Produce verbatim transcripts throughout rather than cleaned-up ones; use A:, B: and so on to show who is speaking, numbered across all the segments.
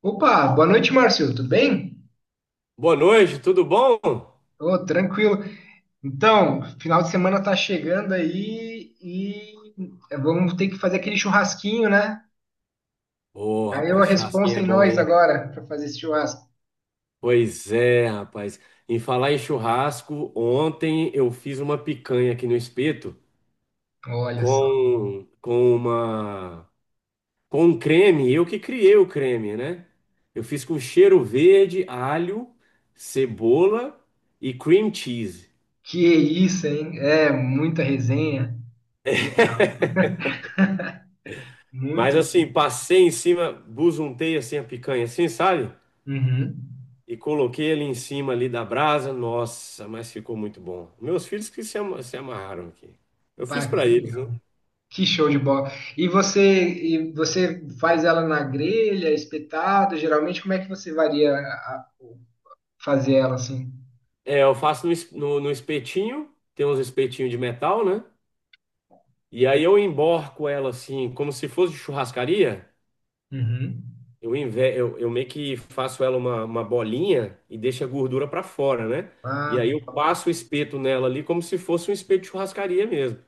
A: Opa, boa noite, Márcio. Tudo bem?
B: Boa noite, tudo bom?
A: Ô, tranquilo. Então, final de semana tá chegando aí e é, vamos ter que fazer aquele churrasquinho, né?
B: Ô,
A: Aí a
B: rapaz, churrasquinho
A: responsa
B: é
A: em
B: bom,
A: nós
B: hein?
A: agora para fazer esse churrasco.
B: Pois é, rapaz. Em falar em churrasco, ontem eu fiz uma picanha aqui no espeto
A: Olha só.
B: com, com uma com um creme, eu que criei o creme, né? Eu fiz com cheiro verde, alho, cebola e cream cheese.
A: Que isso, hein? É, muita resenha.
B: Mas
A: Muito.
B: assim, passei em cima, busuntei assim a picanha, assim, sabe?
A: Uhum.
B: E coloquei ele em cima ali da brasa. Nossa, mas ficou muito bom. Meus filhos que se, ama- se amarraram aqui. Eu fiz
A: Pá,
B: para
A: que
B: eles, né?
A: legal. Que show de bola. E você, e você faz ela na grelha, espetado? Geralmente, como é que você varia a- a- fazer ela assim?
B: É, eu faço no, es- no, no espetinho. Tem uns espetinhos de metal, né? E aí eu emborco ela assim, como se fosse de churrascaria.
A: Uhum.
B: Eu, inve- eu, eu meio que faço ela uma, uma bolinha e deixo a gordura para fora, né? E
A: Ah,
B: aí eu passo o espeto nela ali como se fosse um espeto de churrascaria mesmo.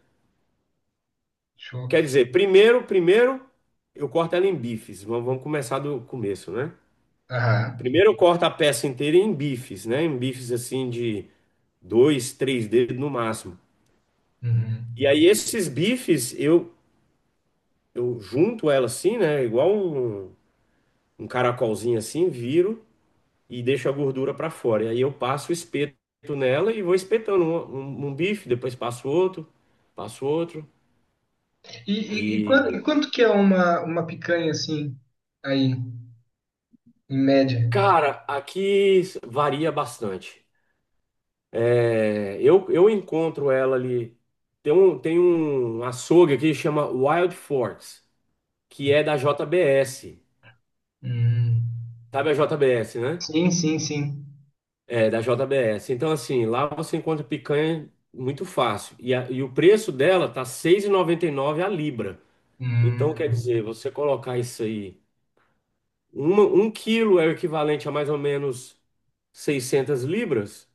A: show.
B: Quer dizer, primeiro, primeiro eu corto ela em bifes. Vamos vamos começar do começo, né?
A: Aham.
B: Primeiro eu corto a peça inteira em bifes, né? Em bifes assim de dois, três dedos no máximo.
A: Uhum.
B: E aí esses bifes eu, eu junto ela assim, né? Igual um, um caracolzinho assim, viro e deixo a gordura para fora. E aí eu passo o espeto nela e vou espetando um, um- um bife, depois passo outro, passo outro.
A: E, e, e quan- e
B: E
A: quanto, que é uma, uma picanha assim, aí, em média?
B: cara, aqui varia bastante. É, eu, eu encontro ela ali. Tem um, tem um açougue aqui que chama Wild Forks, que é da J B S.
A: Hum.
B: Sabe a J B S, né?
A: Sim, sim, sim.
B: É, da J B S. Então, assim, lá você encontra picanha muito fácil. E, a- e o preço dela tá seis e noventa e nove a libra. Então, quer
A: Hum.
B: dizer, você colocar isso aí, uma, um quilo é o equivalente a mais ou menos seiscentas libras.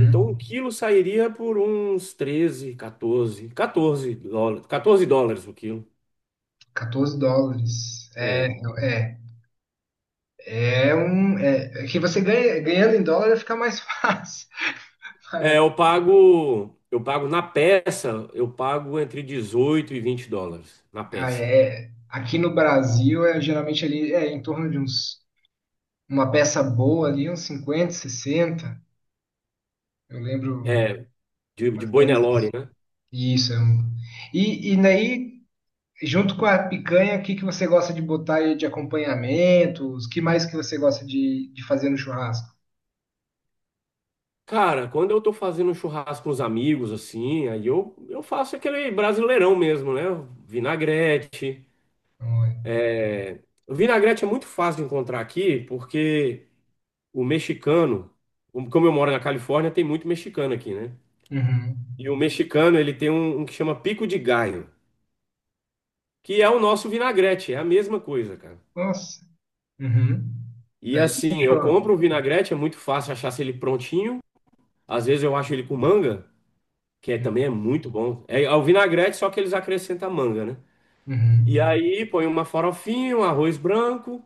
B: Então, um quilo sairia por uns treze, quatorze, quatorze dólares, quatorze dólares o quilo.
A: Quatorze dólares. É,
B: É.
A: é, é um. É, é que você ganha, ganhando em dólar fica mais fácil.
B: É,
A: Pagar.
B: eu pago, eu pago na peça, eu pago entre dezoito e vinte dólares na
A: Ah,
B: peça.
A: é. Aqui no Brasil é geralmente ali é em torno de uns uma peça boa ali, uns cinquenta, sessenta. Eu lembro
B: É, de,
A: mais
B: de
A: ou
B: boi
A: menos.
B: Nelore, né?
A: Isso. é um- E, e daí, junto com a picanha, o que que você gosta de botar aí de acompanhamentos? O que mais que você gosta de, de fazer no churrasco?
B: Cara, quando eu tô fazendo um churrasco com os amigos, assim, aí eu, eu faço aquele brasileirão mesmo, né? Vinagrete.
A: Olha.
B: É, o vinagrete é muito fácil de encontrar aqui, porque o mexicano, um, como eu moro na Califórnia, tem muito mexicano aqui, né?
A: Uhum.
B: E o mexicano, ele tem um, um que chama pico de galho, que é o nosso vinagrete, é a mesma coisa, cara.
A: Nossa. Uhum.
B: E
A: Daí
B: assim, eu
A: fechou.
B: compro o vinagrete, é muito fácil achar ele prontinho. Às vezes eu acho ele com manga, que é- também é muito bom. É, é o vinagrete, só que eles acrescentam manga, né? E
A: Uhum.
B: aí põe uma farofinha, um arroz branco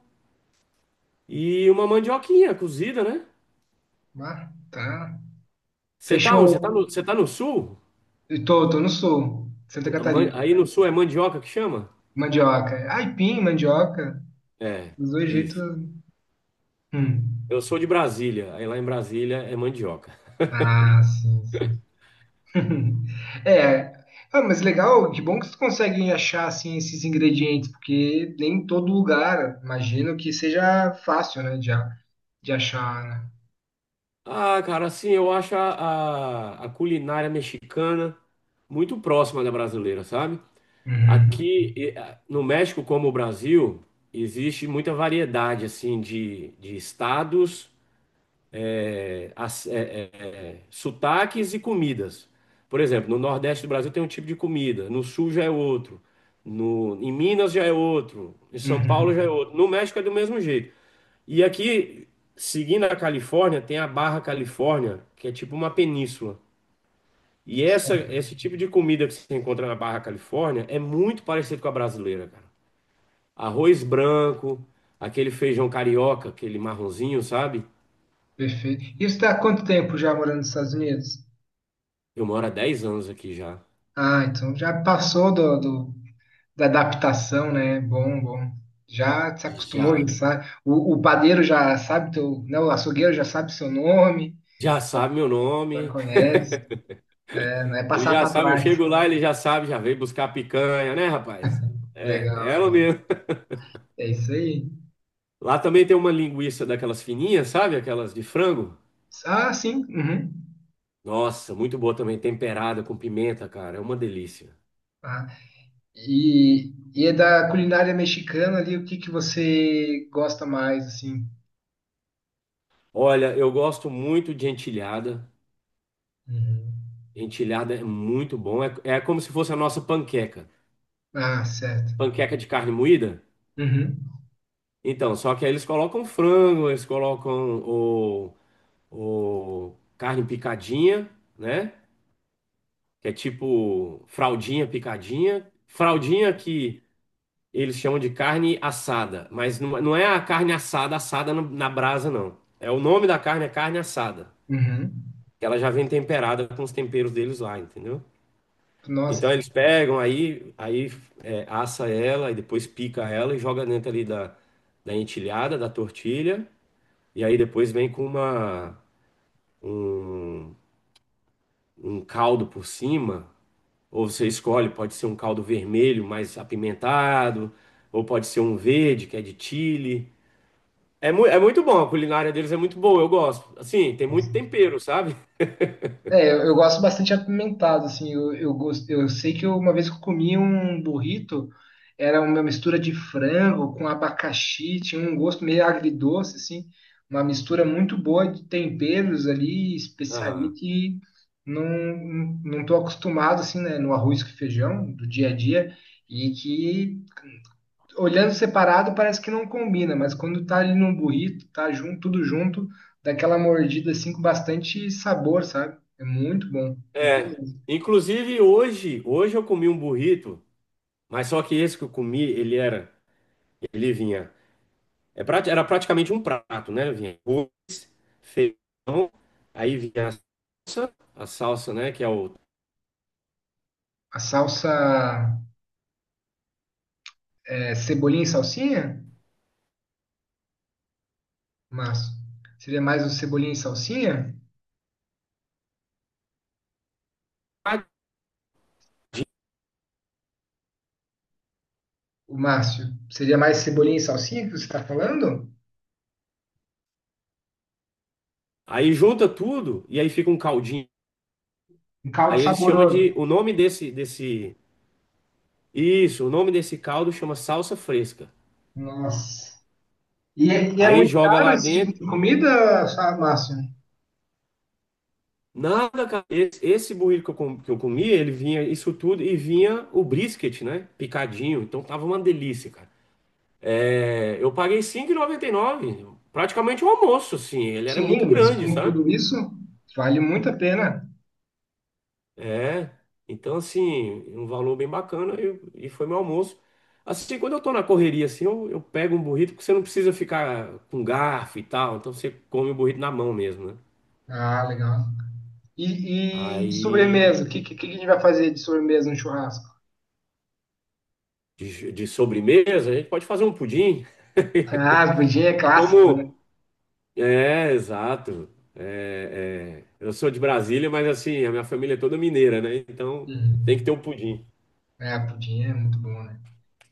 B: e uma mandioquinha cozida, né?
A: Ah, tá.
B: Você tá onde? Você tá no,
A: Fechou.
B: você tá no sul?
A: Eu tô, tô no sul, Santa
B: Man-
A: Catarina.
B: Aí no sul é mandioca que chama?
A: Mandioca. Aipim, mandioca.
B: É,
A: Dos dois jeitos.
B: isso.
A: Hum.
B: Eu sou de Brasília, aí lá em Brasília é mandioca.
A: Ah, sim, sim. É, ah, mas legal, que bom que vocês conseguem achar assim esses ingredientes, porque nem em todo lugar, imagino que seja fácil, né, de, a- de achar, né?
B: Ah, cara, assim, eu acho a, a, a culinária mexicana muito próxima da brasileira, sabe?
A: Uhum,
B: Aqui e, ah, no México, como o Brasil, existe muita variedade, assim, de, de estados, eh, as- eh, eh, sotaques e comidas. Por exemplo, no Nordeste do Brasil tem um tipo de comida, no Sul já é outro, no, em Minas já é outro, em São
A: uhum.
B: Paulo já é outro. No México é do mesmo jeito. E aqui, seguindo a Califórnia, tem a Barra Califórnia, que é tipo uma península. E essa, esse tipo de comida que você encontra na Barra Califórnia é muito parecido com a brasileira, cara. Arroz branco, aquele feijão carioca, aquele marronzinho, sabe?
A: Perfeito. E você está há quanto tempo já morando nos Estados Unidos?
B: Eu moro há dez anos aqui já.
A: Ah, então já passou do, do- da adaptação, né? Bom, bom. Já se acostumou, já
B: Já,
A: sabe. O, o padeiro já sabe teu, né? O açougueiro já sabe seu nome,
B: já sabe meu
A: já
B: nome.
A: conhece, né? Não é
B: Ele
A: passar
B: já
A: para
B: sabe, eu
A: trás.
B: chego lá, ele já sabe, já veio buscar a picanha, né, rapaz? É, é
A: Legal,
B: ela
A: legal.
B: mesmo.
A: É isso aí.
B: Lá também tem uma linguiça daquelas fininhas, sabe? Aquelas de frango.
A: Ah, sim. Uhum.
B: Nossa, muito boa também, temperada com pimenta, cara, é uma delícia.
A: Ah, e, e é da culinária mexicana ali, o que que você gosta mais, assim?
B: Olha, eu gosto muito de entilhada.
A: Uhum.
B: Entilhada é muito bom, é, é como se fosse a nossa panqueca.
A: Ah, certo.
B: Panqueca de carne moída?
A: Uhum.
B: Então, só que aí eles colocam frango, eles colocam o, o carne picadinha, né? Que é tipo fraldinha picadinha. Fraldinha que eles chamam de carne assada, mas não, não é a carne assada assada no- na brasa, não. É o nome da carne, é carne assada.
A: Uhum.
B: Que ela já vem temperada com os temperos deles lá, entendeu? Então
A: Nossa.
B: eles pegam, aí, aí é, assa ela e depois pica ela e joga dentro ali da, da entilhada, da tortilha, e aí depois vem com uma, um, um caldo por cima, ou você escolhe, pode ser um caldo vermelho mais apimentado, ou pode ser um verde, que é de chili. É, mu é muito bom, a culinária deles é muito boa, eu gosto. Assim, tem muito tempero, sabe?
A: É, eu, eu gosto bastante apimentado, assim, eu, eu, gosto, eu sei que eu- uma vez que eu comi um burrito, era uma mistura de frango com abacaxi, tinha um gosto meio agridoce, assim, uma mistura muito boa de temperos ali, especiaria
B: Aham.
A: que não, não não tô acostumado, assim, né, no arroz com feijão do dia a dia, e que olhando separado parece que não combina, mas quando tá ali num burrito, tá junto, tudo junto, dá aquela mordida assim com bastante sabor, sabe? É muito bom, muito bom
B: É,
A: mesmo.
B: inclusive hoje, hoje eu comi um burrito, mas só que esse que eu comi, ele era, ele vinha, é prati- era praticamente um prato, né? Vinha arroz, feijão, aí vinha a salsa, a salsa, né, que é o
A: A salsa é, cebolinha e salsinha, Márcio? Seria mais o cebolinha e salsinha?
B: tadinho.
A: O Márcio, seria mais cebolinha e salsinha que você está falando?
B: Aí junta tudo e aí fica um caldinho.
A: Um caldo
B: Aí eles chamam de,
A: saboroso.
B: o nome desse desse isso, o nome desse caldo chama salsa fresca.
A: Nossa. E é, e é
B: Aí
A: muito
B: joga
A: caro
B: lá
A: esse tipo
B: dentro.
A: de comida, sabe, Márcio?
B: Nada, cara. Esse, esse burrito que eu, com- que eu comi, ele vinha isso tudo e vinha o brisket, né? Picadinho. Então tava uma delícia, cara. É, eu paguei cinco e noventa e nove. Praticamente um almoço, assim. Ele era
A: Sim,
B: muito
A: mas
B: grande,
A: com
B: sabe?
A: tudo isso, vale muito a pena.
B: É. Então, assim, um valor bem bacana e, e foi meu almoço. Assim, quando eu tô na correria, assim, eu, eu pego um burrito, porque você não precisa ficar com garfo e tal. Então você come o burrito na mão mesmo, né?
A: Ah, legal. E, e de
B: Aí,
A: sobremesa, o que, que, que a gente vai fazer de sobremesa no churrasco?
B: de, de sobremesa, a gente pode fazer um pudim.
A: Ah, pudim é clássico,
B: Como,
A: né?
B: é, exato. É, é. Eu sou de Brasília, mas assim, a minha família é toda mineira, né? Então tem que ter
A: Uhum.
B: um pudim.
A: É, pudim é muito bom, né?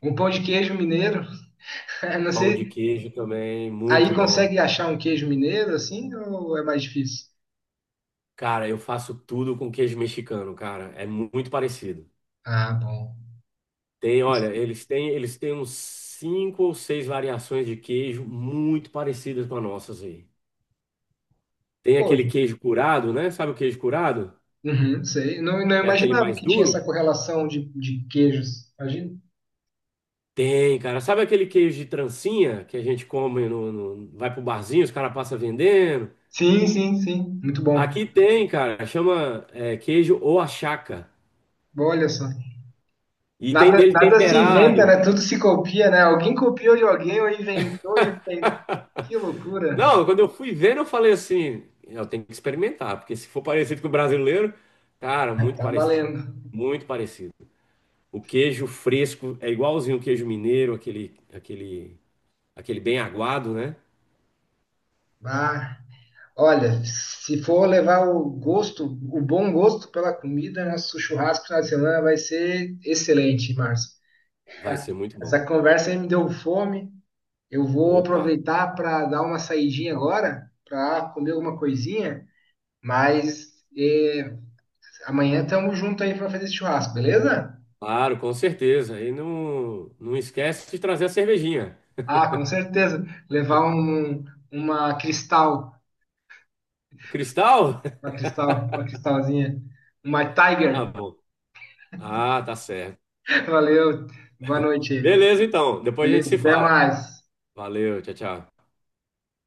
A: Um pão de queijo mineiro, não
B: Pão de
A: sei.
B: queijo também, muito
A: Aí
B: bom.
A: consegue achar um queijo mineiro assim ou é mais difícil?
B: Cara, eu faço tudo com queijo mexicano, cara. É mu- muito parecido.
A: Ah, bom.
B: Tem, olha, eles têm, eles têm uns cinco ou seis variações de queijo muito parecidas com as nossas aí. Tem
A: Pô,
B: aquele queijo curado, né? Sabe o queijo curado?
A: uhum, sei. Não, não
B: É aquele
A: imaginava
B: mais
A: que tinha essa
B: duro.
A: correlação de, de queijos. Imagina.
B: Tem, cara. Sabe aquele queijo de trancinha que a gente come no, no- vai pro barzinho, os caras passam vendendo?
A: Sim, sim, sim. Muito bom.
B: Aqui tem, cara. Chama é, queijo ou achaca.
A: Olha só.
B: E tem
A: Nada,
B: dele
A: nada se inventa,
B: temperado.
A: né? Tudo se copia, né? Alguém copiou de alguém ou inventou de alguém. Que loucura.
B: Não, quando eu fui vendo, eu falei assim, eu tenho que experimentar, porque se for parecido com o brasileiro, cara,
A: Ai,
B: muito
A: tá
B: parecido.
A: valendo.
B: Muito parecido. O queijo fresco é igualzinho o queijo mineiro, aquele, aquele, aquele bem aguado, né?
A: Ah, olha, se for levar o gosto, o bom gosto pela comida, nosso churrasco na semana vai ser excelente, Márcio.
B: Vai ser muito
A: Essa
B: bom.
A: conversa aí me deu fome. Eu vou
B: Opa!
A: aproveitar para dar uma saidinha agora, para comer alguma coisinha, mas eh, amanhã estamos juntos aí para fazer esse churrasco, beleza?
B: Claro, com certeza. E não, não esquece de trazer a cervejinha.
A: Ah, com certeza. Levar um, uma cristal,
B: Cristal?
A: uma cristal, uma cristalzinha, uma
B: Ah,
A: Tiger.
B: bom. Ah, tá certo.
A: Valeu, boa noite.
B: Beleza, então. Depois a gente
A: Beleza,
B: se
A: até
B: fala.
A: mais.
B: Valeu, tchau, tchau.